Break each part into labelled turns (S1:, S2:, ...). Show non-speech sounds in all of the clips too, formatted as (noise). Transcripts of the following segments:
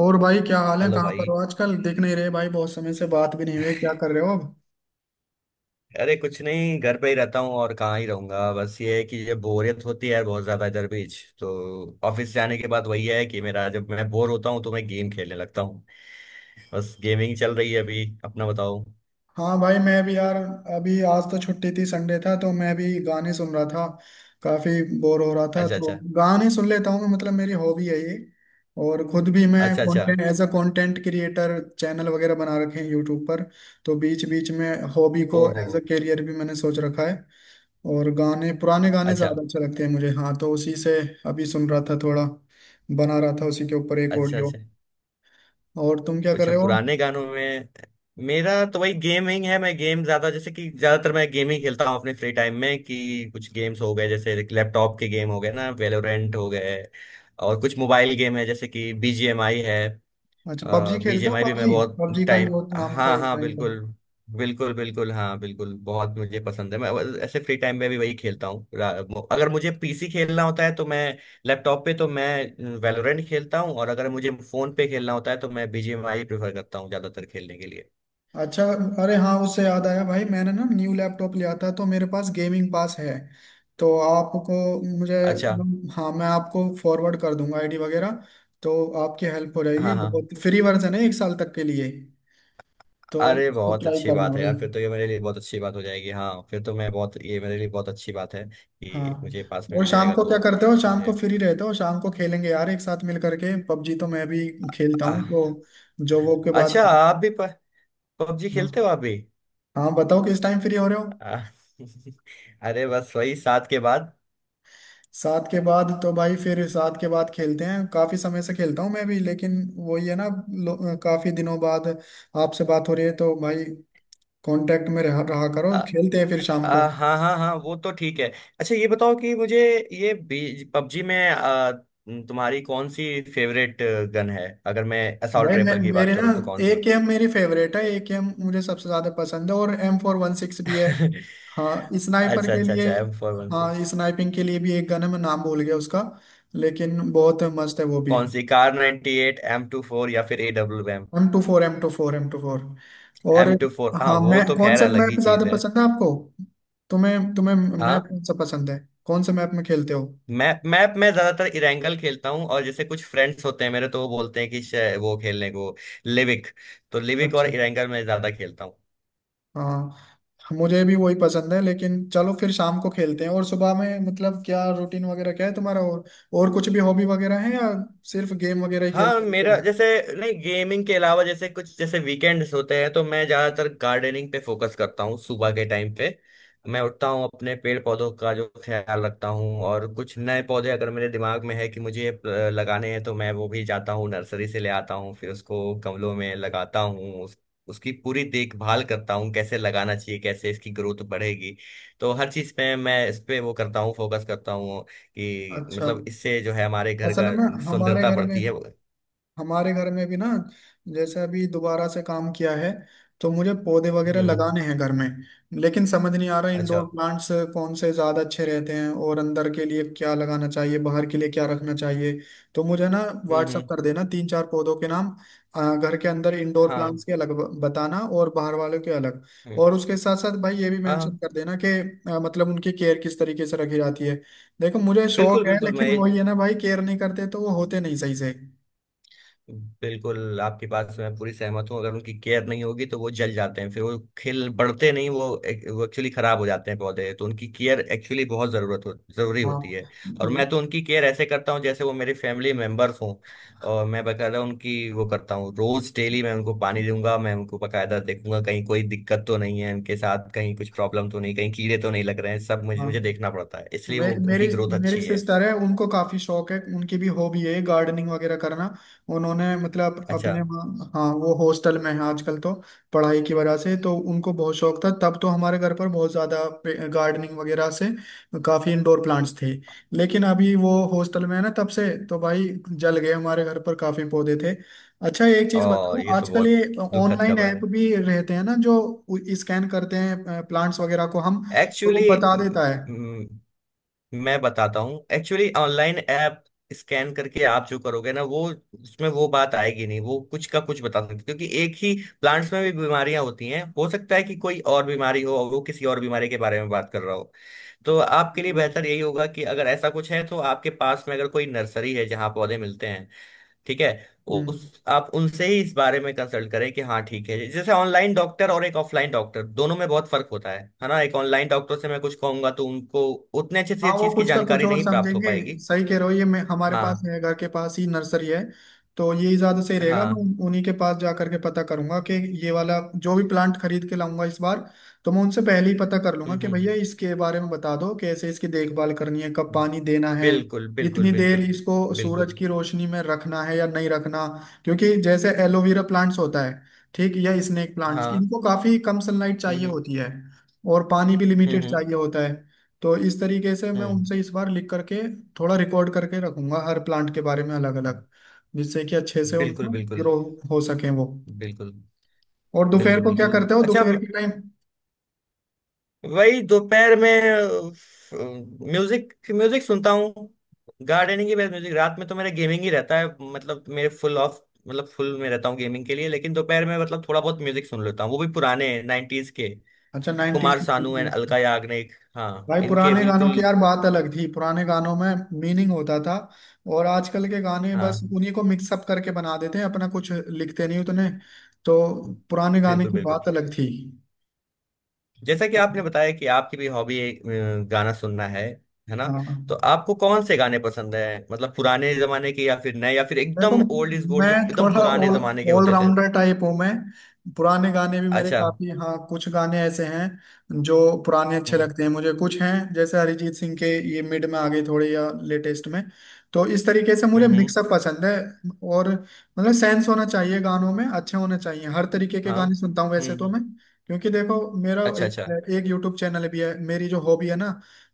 S1: और भाई क्या हाल है,
S2: हेलो
S1: कहाँ पर
S2: भाई।
S1: हो आजकल? दिख नहीं रहे भाई, बहुत समय से बात भी नहीं हुई। क्या कर रहे हो अब?
S2: अरे कुछ नहीं, घर पे ही रहता हूँ और कहाँ ही रहूंगा। बस ये है कि ये बोरियत होती है बहुत ज्यादा इधर बीच तो, ऑफिस जाने के बाद वही है कि मेरा, जब मैं बोर होता हूँ तो मैं गेम खेलने लगता हूँ। बस गेमिंग चल रही है, अभी अपना बताओ।
S1: हाँ भाई, मैं भी यार अभी आज तो छुट्टी थी, संडे था, तो मैं भी गाने सुन रहा था। काफी बोर हो रहा था
S2: अच्छा
S1: तो
S2: अच्छा।
S1: गाने सुन लेता हूँ। मतलब मेरी हॉबी है ये। और खुद भी मैं
S2: अच्छा अच्छा।
S1: Content as a content creator channel वगैरह बना रखे हैं यूट्यूब पर। तो बीच बीच में हॉबी को
S2: ओहो।
S1: एज अ करियर भी मैंने सोच रखा है। और गाने, पुराने गाने
S2: अच्छा
S1: ज्यादा अच्छे लगते हैं मुझे, हाँ तो उसी से अभी सुन रहा था थोड़ा, बना रहा था उसी के ऊपर एक
S2: अच्छा।
S1: ऑडियो।
S2: अच्छा।
S1: और तुम क्या कर
S2: कुछ
S1: रहे हो?
S2: पुराने गानों में। मेरा तो वही गेमिंग है, मैं गेम ज्यादा, जैसे कि ज्यादातर मैं गेम ही खेलता हूँ अपने फ्री टाइम में, कि कुछ गेम्स हो गए जैसे लैपटॉप के गेम हो गए ना, वेलोरेंट हो गए। और कुछ मोबाइल गेम है जैसे कि बीजीएमआई है।
S1: अच्छा, पबजी खेलते हो
S2: बीजीएमआई भी मैं
S1: पबजी?
S2: बहुत
S1: पबजी का ही
S2: टाइम।
S1: बहुत नाम था
S2: हाँ
S1: एक
S2: हाँ,
S1: टाइम पर।
S2: बिल्कुल। बिल्कुल बिल्कुल, हाँ बिल्कुल, बहुत मुझे पसंद है। मैं बस ऐसे फ्री टाइम में भी वही खेलता हूँ। अगर मुझे पीसी खेलना होता है तो मैं लैपटॉप पे तो मैं वैलोरेंट खेलता हूँ, और अगर मुझे फोन पे खेलना होता है तो मैं बीजीएमआई प्रेफर करता हूँ ज्यादातर खेलने के लिए।
S1: अच्छा, अरे हाँ उससे याद आया भाई, मैंने ना न्यू लैपटॉप लिया था तो मेरे पास गेमिंग पास है। तो आपको, मुझे,
S2: अच्छा।
S1: हाँ मैं आपको फॉरवर्ड कर दूंगा आईडी वगैरह, तो आपकी हेल्प हो जाएगी।
S2: हाँ हाँ,
S1: बहुत फ्री वर्जन है एक साल तक के लिए, तो
S2: अरे
S1: उसको
S2: बहुत
S1: ट्राई
S2: अच्छी
S1: करना
S2: बात है
S1: भाई।
S2: यार। फिर तो ये मेरे लिए बहुत अच्छी बात हो जाएगी, हाँ। फिर तो मैं बहुत, ये मेरे लिए बहुत अच्छी बात है कि
S1: हाँ,
S2: मुझे पास
S1: और
S2: मिल
S1: शाम
S2: जाएगा
S1: को क्या
S2: तो।
S1: करते हो? शाम को
S2: मुझे
S1: फ्री रहते हो? शाम को खेलेंगे यार एक साथ मिल करके पबजी, तो मैं भी खेलता हूँ
S2: आह,
S1: तो जो वो के बाद।
S2: अच्छा आप भी पबजी
S1: हाँ
S2: खेलते हो आप भी।
S1: हाँ, बताओ किस टाइम फ्री हो रहे हो?
S2: आ, (laughs) अरे बस वही सात के बाद।
S1: 7 के बाद? तो भाई फिर 7 के बाद खेलते हैं। काफी समय से खेलता हूँ मैं भी, लेकिन वही है ना, काफी दिनों बाद आपसे बात हो रही है तो भाई कांटेक्ट में रहा करो,
S2: आ,
S1: खेलते हैं फिर शाम को।
S2: आ, हाँ हाँ हाँ, वो तो ठीक है। अच्छा ये बताओ कि मुझे ये पबजी में, तुम्हारी कौन सी फेवरेट गन है? अगर मैं असॉल्ट
S1: भाई मैं,
S2: राइफल की बात
S1: मेरे ना
S2: करूँ तो कौन
S1: ए
S2: सी?
S1: गेम मेरी फेवरेट है, ए गेम मुझे सबसे ज्यादा पसंद है, और M416 भी है।
S2: (laughs)
S1: हाँ स्नाइपर
S2: अच्छा
S1: के
S2: अच्छा
S1: लिए,
S2: अच्छा, एम फोर वन
S1: हाँ
S2: सिक्स।
S1: स्नाइपिंग के लिए भी एक गन है, मैं नाम भूल गया उसका, लेकिन बहुत मस्त है वो भी।
S2: कौन सी? Kar 98 eight M two four, या फिर A W M?
S1: One two four, M24, M24, और
S2: एम टू फोर, हाँ
S1: हाँ।
S2: वो
S1: मैं,
S2: तो
S1: कौन
S2: खैर
S1: से
S2: अलग ही
S1: मैप
S2: चीज
S1: ज्यादा
S2: है।
S1: पसंद है आपको? तुम्हें तुम्हें
S2: हाँ?
S1: मैप कौन सा पसंद है? कौन से मैप में खेलते हो?
S2: मैप, मैप में ज्यादातर इरेंगल खेलता हूँ, और जैसे कुछ फ्रेंड्स होते हैं मेरे तो वो बोलते हैं कि वो खेलने को लिविक। तो लिविक और
S1: अच्छा,
S2: इरेंगल में ज्यादा खेलता हूँ।
S1: हाँ मुझे भी वही पसंद है। लेकिन चलो फिर शाम को खेलते हैं। और सुबह में मतलब क्या रूटीन वगैरह क्या है तुम्हारा, और कुछ भी हॉबी वगैरह है या सिर्फ गेम वगैरह ही
S2: हाँ
S1: खेलते रहते हो?
S2: मेरा जैसे, नहीं, गेमिंग के अलावा जैसे कुछ, जैसे वीकेंड्स होते हैं तो मैं ज्यादातर गार्डनिंग पे फोकस करता हूँ सुबह के टाइम पे। मैं उठता हूँ, अपने पेड़ पौधों का जो ख्याल रखता हूँ, और कुछ नए पौधे अगर मेरे दिमाग में है कि मुझे ये लगाने हैं तो मैं वो भी जाता हूँ, नर्सरी से ले आता हूँ, फिर उसको गमलों में लगाता हूँ, उसकी पूरी देखभाल करता हूँ, कैसे लगाना चाहिए, कैसे इसकी ग्रोथ बढ़ेगी। तो हर चीज़ पे मैं इस पे वो करता हूँ, फोकस करता हूँ कि
S1: अच्छा,
S2: मतलब इससे जो है हमारे घर
S1: असल
S2: का
S1: में हमारे
S2: सुंदरता
S1: घर में,
S2: बढ़ती है।
S1: हमारे घर में भी ना जैसे अभी दोबारा से काम किया है, तो मुझे पौधे वगैरह
S2: हम्म।
S1: लगाने हैं घर में, लेकिन समझ नहीं आ रहा
S2: अच्छा।
S1: इंडोर प्लांट्स कौन से ज़्यादा अच्छे रहते हैं, और अंदर के लिए क्या लगाना चाहिए, बाहर के लिए क्या रखना चाहिए। तो मुझे ना व्हाट्सअप
S2: हम्म।
S1: कर देना तीन चार पौधों के नाम। घर के अंदर इंडोर
S2: हाँ।
S1: प्लांट्स के अलग, बताना, और बाहर वालों के अलग।
S2: हम्म।
S1: और उसके साथ साथ भाई ये भी
S2: हाँ
S1: मेंशन
S2: हाँ।
S1: कर देना कि मतलब उनकी केयर किस तरीके से रखी जाती है। देखो मुझे
S2: बिल्कुल
S1: शौक है,
S2: बिल्कुल, मैं
S1: लेकिन
S2: ये,
S1: वही है ना भाई, केयर नहीं करते तो वो होते नहीं सही से।
S2: बिल्कुल आपकी बात से मैं पूरी सहमत हूँ, अगर उनकी केयर नहीं होगी तो वो जल जाते हैं, फिर वो खिल बढ़ते नहीं, वो वो एक्चुअली खराब हो जाते हैं पौधे, तो उनकी केयर एक्चुअली बहुत जरूरी
S1: हाँ।
S2: होती है। और
S1: हम्म।
S2: मैं तो उनकी केयर ऐसे करता हूँ जैसे वो मेरे फैमिली मेंबर्स हों। और मैं बकायदा उनकी वो करता हूँ रोज डेली, मैं उनको पानी दूंगा, मैं उनको बकायदा देखूंगा कहीं कोई दिक्कत तो नहीं है उनके साथ, कहीं कुछ प्रॉब्लम तो नहीं, कहीं कीड़े तो नहीं लग रहे हैं, सब मुझे
S1: हाँ।
S2: मुझे देखना पड़ता है, इसलिए वो
S1: मेरी
S2: उनकी ग्रोथ
S1: मेरी
S2: अच्छी है।
S1: सिस्टर है, उनको काफी शौक है, उनकी भी हॉबी है गार्डनिंग वगैरह करना। उन्होंने मतलब
S2: अच्छा।
S1: अपने हाँ वो हॉस्टल में है आजकल तो, पढ़ाई की वजह से, तो उनको बहुत शौक था तब तो हमारे घर पर बहुत ज्यादा गार्डनिंग वगैरह से काफी इंडोर प्लांट्स थे। लेकिन अभी वो हॉस्टल में है ना तब से, तो भाई जल गए, हमारे घर पर काफी पौधे थे। अच्छा एक चीज
S2: और
S1: बताओ,
S2: ये तो
S1: आजकल
S2: बहुत
S1: ये
S2: दुखद
S1: ऑनलाइन
S2: खबर
S1: ऐप
S2: है।
S1: भी रहते हैं ना जो स्कैन करते हैं प्लांट्स वगैरह को, हम तो वो
S2: एक्चुअली
S1: बता देता
S2: मैं बताता हूँ, एक्चुअली ऑनलाइन ऐप स्कैन करके आप जो करोगे ना वो, उसमें वो बात आएगी नहीं, वो कुछ का कुछ बता सकते क्योंकि एक ही प्लांट्स में भी बीमारियां होती हैं, हो सकता है कि कोई और बीमारी हो और वो किसी और बीमारी के बारे में बात कर रहा हो। तो आपके लिए
S1: है।
S2: बेहतर यही होगा कि अगर ऐसा कुछ है तो आपके पास में अगर कोई नर्सरी है जहाँ पौधे मिलते हैं, ठीक है,
S1: हम्म।
S2: उस आप उनसे ही इस बारे में कंसल्ट करें कि हाँ ठीक है, जैसे ऑनलाइन डॉक्टर और एक ऑफलाइन डॉक्टर दोनों में बहुत फर्क होता है ना, एक ऑनलाइन डॉक्टर से मैं कुछ कहूंगा तो उनको उतने अच्छे
S1: हाँ
S2: से
S1: वो
S2: चीज की
S1: कुछ का कुछ
S2: जानकारी
S1: और
S2: नहीं प्राप्त हो
S1: समझेंगे।
S2: पाएगी।
S1: सही कह रहे हो ये, मैं, हमारे पास
S2: हाँ
S1: है, घर के पास ही नर्सरी है, तो यही ज्यादा सही रहेगा। मैं
S2: हाँ।
S1: उन्हीं के पास जा करके पता करूंगा कि ये वाला जो भी प्लांट खरीद के लाऊंगा इस बार, तो मैं उनसे पहले ही पता कर लूंगा कि
S2: हम्म।
S1: भैया इसके बारे में बता दो कैसे इसकी देखभाल करनी है, कब पानी देना है,
S2: बिल्कुल बिल्कुल
S1: कितनी देर
S2: बिल्कुल
S1: इसको सूरज
S2: बिल्कुल।
S1: की रोशनी में रखना है या नहीं रखना। क्योंकि जैसे एलोवेरा प्लांट्स होता है ठीक, या स्नेक प्लांट्स,
S2: हाँ।
S1: इनको काफी कम सनलाइट चाहिए
S2: हम्म
S1: होती है और पानी भी लिमिटेड
S2: हम्म हम्म
S1: चाहिए होता है। तो इस तरीके से मैं
S2: हम्म
S1: उनसे इस बार लिख करके थोड़ा रिकॉर्ड करके रखूंगा हर प्लांट के बारे में अलग
S2: हम्म,
S1: अलग, जिससे कि अच्छे से
S2: बिल्कुल
S1: उनको
S2: बिल्कुल
S1: ग्रो हो सके वो।
S2: बिल्कुल
S1: और दोपहर
S2: बिल्कुल
S1: को क्या
S2: बिल्कुल।
S1: करते हो
S2: अच्छा,
S1: दोपहर के टाइम?
S2: वही दोपहर में म्यूजिक, म्यूजिक सुनता हूँ गार्डनिंग के बाद। म्यूजिक रात में तो मेरा गेमिंग ही रहता है, मतलब मेरे फुल ऑफ, मतलब फुल में रहता हूँ गेमिंग के लिए, लेकिन दोपहर में मतलब थोड़ा बहुत म्यूजिक सुन लेता हूँ, वो भी पुराने 90s के।
S1: अच्छा 90s।
S2: कुमार सानू एंड अलका याग्निक, हाँ
S1: भाई
S2: इनके
S1: पुराने गानों
S2: बिल्कुल।
S1: की यार बात अलग थी, पुराने गानों में मीनिंग होता था, और आजकल के गाने बस
S2: हाँ
S1: उन्हीं को मिक्सअप करके बना देते हैं, अपना कुछ लिखते नहीं उतने। तो पुराने गाने
S2: बिल्कुल
S1: की
S2: बिल्कुल।
S1: बात अलग थी।
S2: जैसा कि आपने बताया कि आपकी भी हॉबी एक, गाना सुनना है ना?
S1: हाँ।
S2: तो आपको कौन से गाने पसंद है? मतलब पुराने जमाने के, या फिर नए, या फिर
S1: देखो
S2: एकदम ओल्ड इज गोल्ड,
S1: मैं
S2: जो एकदम
S1: थोड़ा
S2: पुराने
S1: ऑल
S2: जमाने के होते थे?
S1: ऑलराउंडर टाइप हूँ मैं। पुराने गाने भी मेरे
S2: अच्छा।
S1: काफी, हाँ कुछ गाने ऐसे हैं जो पुराने अच्छे
S2: हम्म
S1: लगते हैं मुझे, कुछ हैं जैसे अरिजीत सिंह के, ये मिड में आ गए थोड़े या लेटेस्ट में। तो इस तरीके से
S2: हम्म
S1: मुझे
S2: हम्म,
S1: मिक्सअप पसंद है, और मतलब सेंस होना चाहिए गानों में, अच्छे होने चाहिए। हर तरीके के
S2: हाँ।
S1: गाने सुनता हूँ वैसे तो मैं, क्योंकि देखो मेरा
S2: अच्छा अच्छा।
S1: एक यूट्यूब चैनल भी है, मेरी जो हॉबी है ना,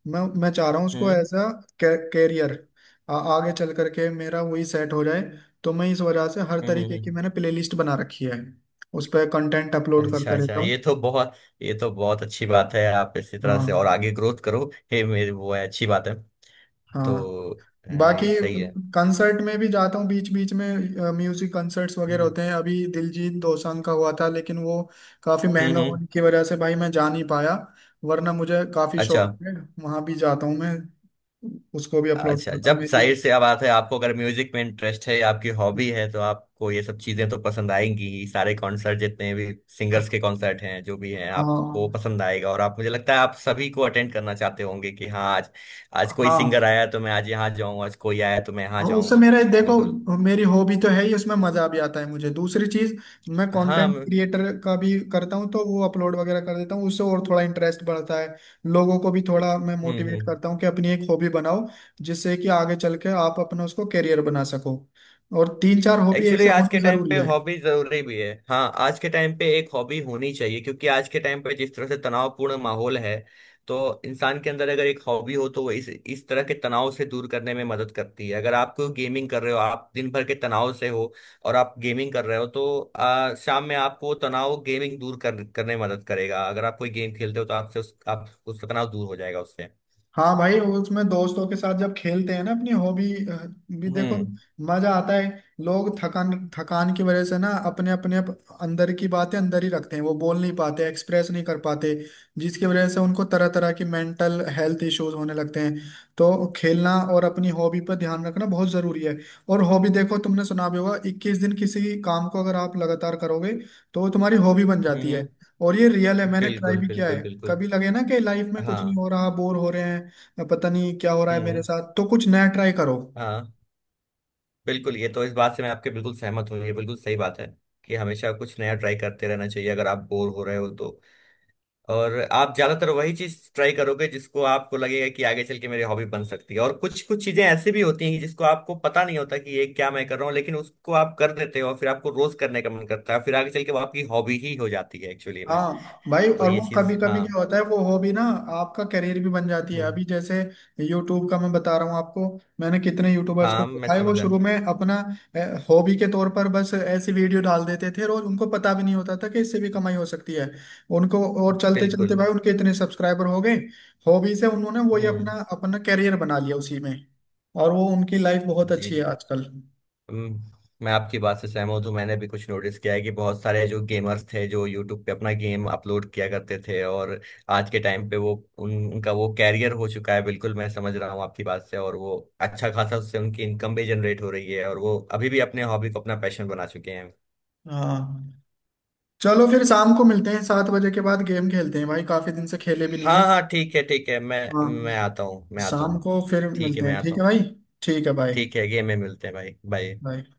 S1: मैं चाह रहा हूँ उसको
S2: हम्म
S1: एज अ कैरियर आगे चल करके मेरा वही सेट हो जाए। तो मैं इस वजह से हर
S2: हम्म हम्म
S1: तरीके की
S2: हम्म,
S1: मैंने प्लेलिस्ट बना रखी है, उस पर कंटेंट अपलोड
S2: अच्छा
S1: करता
S2: अच्छा।
S1: रहता हूँ।
S2: ये तो बहुत अच्छी बात है, आप इसी तरह से और
S1: हाँ
S2: आगे ग्रोथ करो। हे मेरे वो है अच्छी बात है
S1: हाँ।
S2: तो।
S1: बाकी
S2: ये सही है।
S1: कंसर्ट में भी जाता हूँ बीच बीच में, म्यूजिक कंसर्ट्स वगैरह
S2: हम्म
S1: होते हैं। अभी दिलजीत दोसांझ का हुआ था, लेकिन वो काफी
S2: हम्म
S1: महंगा
S2: हम्म,
S1: होने की वजह से भाई मैं जा नहीं पाया, वरना मुझे काफी
S2: अच्छा।
S1: शौक है, वहां भी जाता हूँ मैं, उसको भी अपलोड
S2: अच्छा,
S1: करता हूँ
S2: जब
S1: मेरी।
S2: जाहिर सी बात है आपको अगर म्यूजिक में इंटरेस्ट है या आपकी हॉबी है तो आपको ये सब चीजें तो पसंद आएंगी ही। सारे कॉन्सर्ट, जितने भी
S1: हाँ।
S2: सिंगर्स के कॉन्सर्ट हैं जो भी हैं आपको पसंद आएगा, और आप, मुझे लगता है आप सभी को अटेंड करना चाहते होंगे कि हाँ, आज आज कोई
S1: हाँ
S2: सिंगर आया तो मैं आज यहाँ जाऊँ, आज कोई आया तो मैं यहाँ
S1: हाँ, उससे
S2: जाऊँ।
S1: मेरा,
S2: बिल्कुल।
S1: देखो मेरी हॉबी तो है ही, उसमें मजा भी आता है मुझे। दूसरी चीज मैं
S2: हाँ
S1: कंटेंट क्रिएटर का भी करता हूँ, तो वो अपलोड वगैरह कर देता हूँ उससे, और थोड़ा इंटरेस्ट बढ़ता है। लोगों को भी थोड़ा मैं मोटिवेट
S2: हम्म।
S1: करता हूँ कि अपनी एक हॉबी बनाओ, जिससे कि आगे चल के आप अपना उसको करियर बना सको। और तीन चार हॉबी
S2: एक्चुअली
S1: ऐसे
S2: आज
S1: होना
S2: के टाइम
S1: जरूरी
S2: पे
S1: है।
S2: हॉबी जरूरी भी है, हाँ आज के टाइम पे एक हॉबी होनी चाहिए, क्योंकि आज के टाइम पे जिस तरह से तनावपूर्ण माहौल है तो इंसान के अंदर अगर एक हॉबी हो तो वो इस तरह के तनाव से दूर करने में मदद करती है। अगर आप कोई गेमिंग कर रहे हो, आप दिन भर के तनाव से हो और आप गेमिंग कर रहे हो तो शाम में आपको वो तनाव गेमिंग करने में मदद करेगा। अगर आप कोई गेम खेलते हो तो आपसे आप उसका तनाव दूर हो जाएगा उससे।
S1: हाँ भाई, उसमें दोस्तों के साथ जब खेलते हैं ना अपनी हॉबी भी, देखो
S2: हम्म
S1: मजा आता है। लोग थकान थकान की वजह से ना अपने अपने अंदर की बातें अंदर ही रखते हैं, वो बोल नहीं पाते, एक्सप्रेस नहीं कर पाते, जिसकी वजह से उनको तरह तरह की मेंटल हेल्थ इश्यूज होने लगते हैं। तो खेलना और अपनी हॉबी पर ध्यान रखना बहुत जरूरी है। और हॉबी, देखो तुमने सुना भी होगा, 21 दिन किसी काम को अगर आप लगातार करोगे तो वो तुम्हारी हॉबी बन जाती है।
S2: हम्म।
S1: और ये रियल है, मैंने ट्राई
S2: बिल्कुल
S1: भी किया है।
S2: बिल्कुल बिल्कुल।
S1: कभी लगे ना कि लाइफ में कुछ नहीं
S2: हाँ
S1: हो रहा, बोर हो रहे हैं या पता नहीं क्या हो रहा है मेरे
S2: हम्म
S1: साथ, तो कुछ नया ट्राई करो।
S2: हाँ, बिल्कुल ये तो इस बात से मैं आपके बिल्कुल सहमत हूँ, ये बिल्कुल सही बात है कि हमेशा कुछ नया ट्राई करते रहना चाहिए अगर आप बोर हो रहे हो तो। और आप ज्यादातर वही चीज ट्राई करोगे जिसको आपको लगेगा कि आगे चल के मेरी हॉबी बन सकती है, और कुछ कुछ चीजें ऐसी भी होती हैं जिसको आपको पता नहीं होता कि ये क्या मैं कर रहा हूँ, लेकिन उसको आप कर देते हो और फिर आपको रोज करने का मन करता है, फिर आगे चल के वो आपकी हॉबी ही हो जाती है एक्चुअली में।
S1: हाँ भाई
S2: तो
S1: और
S2: ये
S1: वो कभी
S2: चीज
S1: कभी
S2: हाँ।
S1: क्या होता है, वो हॉबी ना आपका करियर भी बन जाती है,
S2: हम्म,
S1: अभी जैसे यूट्यूब का मैं बता रहा हूँ आपको, मैंने कितने यूट्यूबर्स को
S2: हाँ, मैं
S1: देखा है, वो
S2: समझा,
S1: शुरू में अपना हॉबी के तौर पर बस ऐसी वीडियो डाल देते थे और उनको पता भी नहीं होता था कि इससे भी कमाई हो सकती है उनको। और चलते चलते
S2: बिल्कुल।
S1: भाई उनके इतने सब्सक्राइबर हो गए, हॉबी से उन्होंने वही
S2: हम्म,
S1: अपना अपना करियर बना लिया उसी में, और वो उनकी लाइफ बहुत
S2: जी
S1: अच्छी है
S2: जी।
S1: आजकल।
S2: हम्म, मैं आपकी बात से सहमत हूँ, तो मैंने भी कुछ नोटिस किया है कि बहुत सारे जो गेमर्स थे जो यूट्यूब पे अपना गेम अपलोड किया करते थे, और आज के टाइम पे वो उनका वो कैरियर हो चुका है, बिल्कुल मैं समझ रहा हूँ आपकी बात से, और वो अच्छा खासा, उससे उनकी इनकम भी जनरेट हो रही है, और वो अभी भी अपने हॉबी को अपना पैशन बना चुके हैं।
S1: हाँ चलो फिर शाम को मिलते हैं, 7 बजे के बाद गेम खेलते हैं भाई, काफी दिन से खेले भी नहीं है।
S2: हाँ हाँ, ठीक है ठीक है, मैं
S1: हाँ
S2: मैं आता हूँ, मैं आता
S1: शाम
S2: हूँ।
S1: को फिर
S2: ठीक है,
S1: मिलते
S2: मैं
S1: हैं,
S2: आता
S1: ठीक है
S2: हूँ।
S1: भाई। ठीक है, बाय।
S2: ठीक है, गेम में मिलते हैं भाई, बाय।
S1: बाय।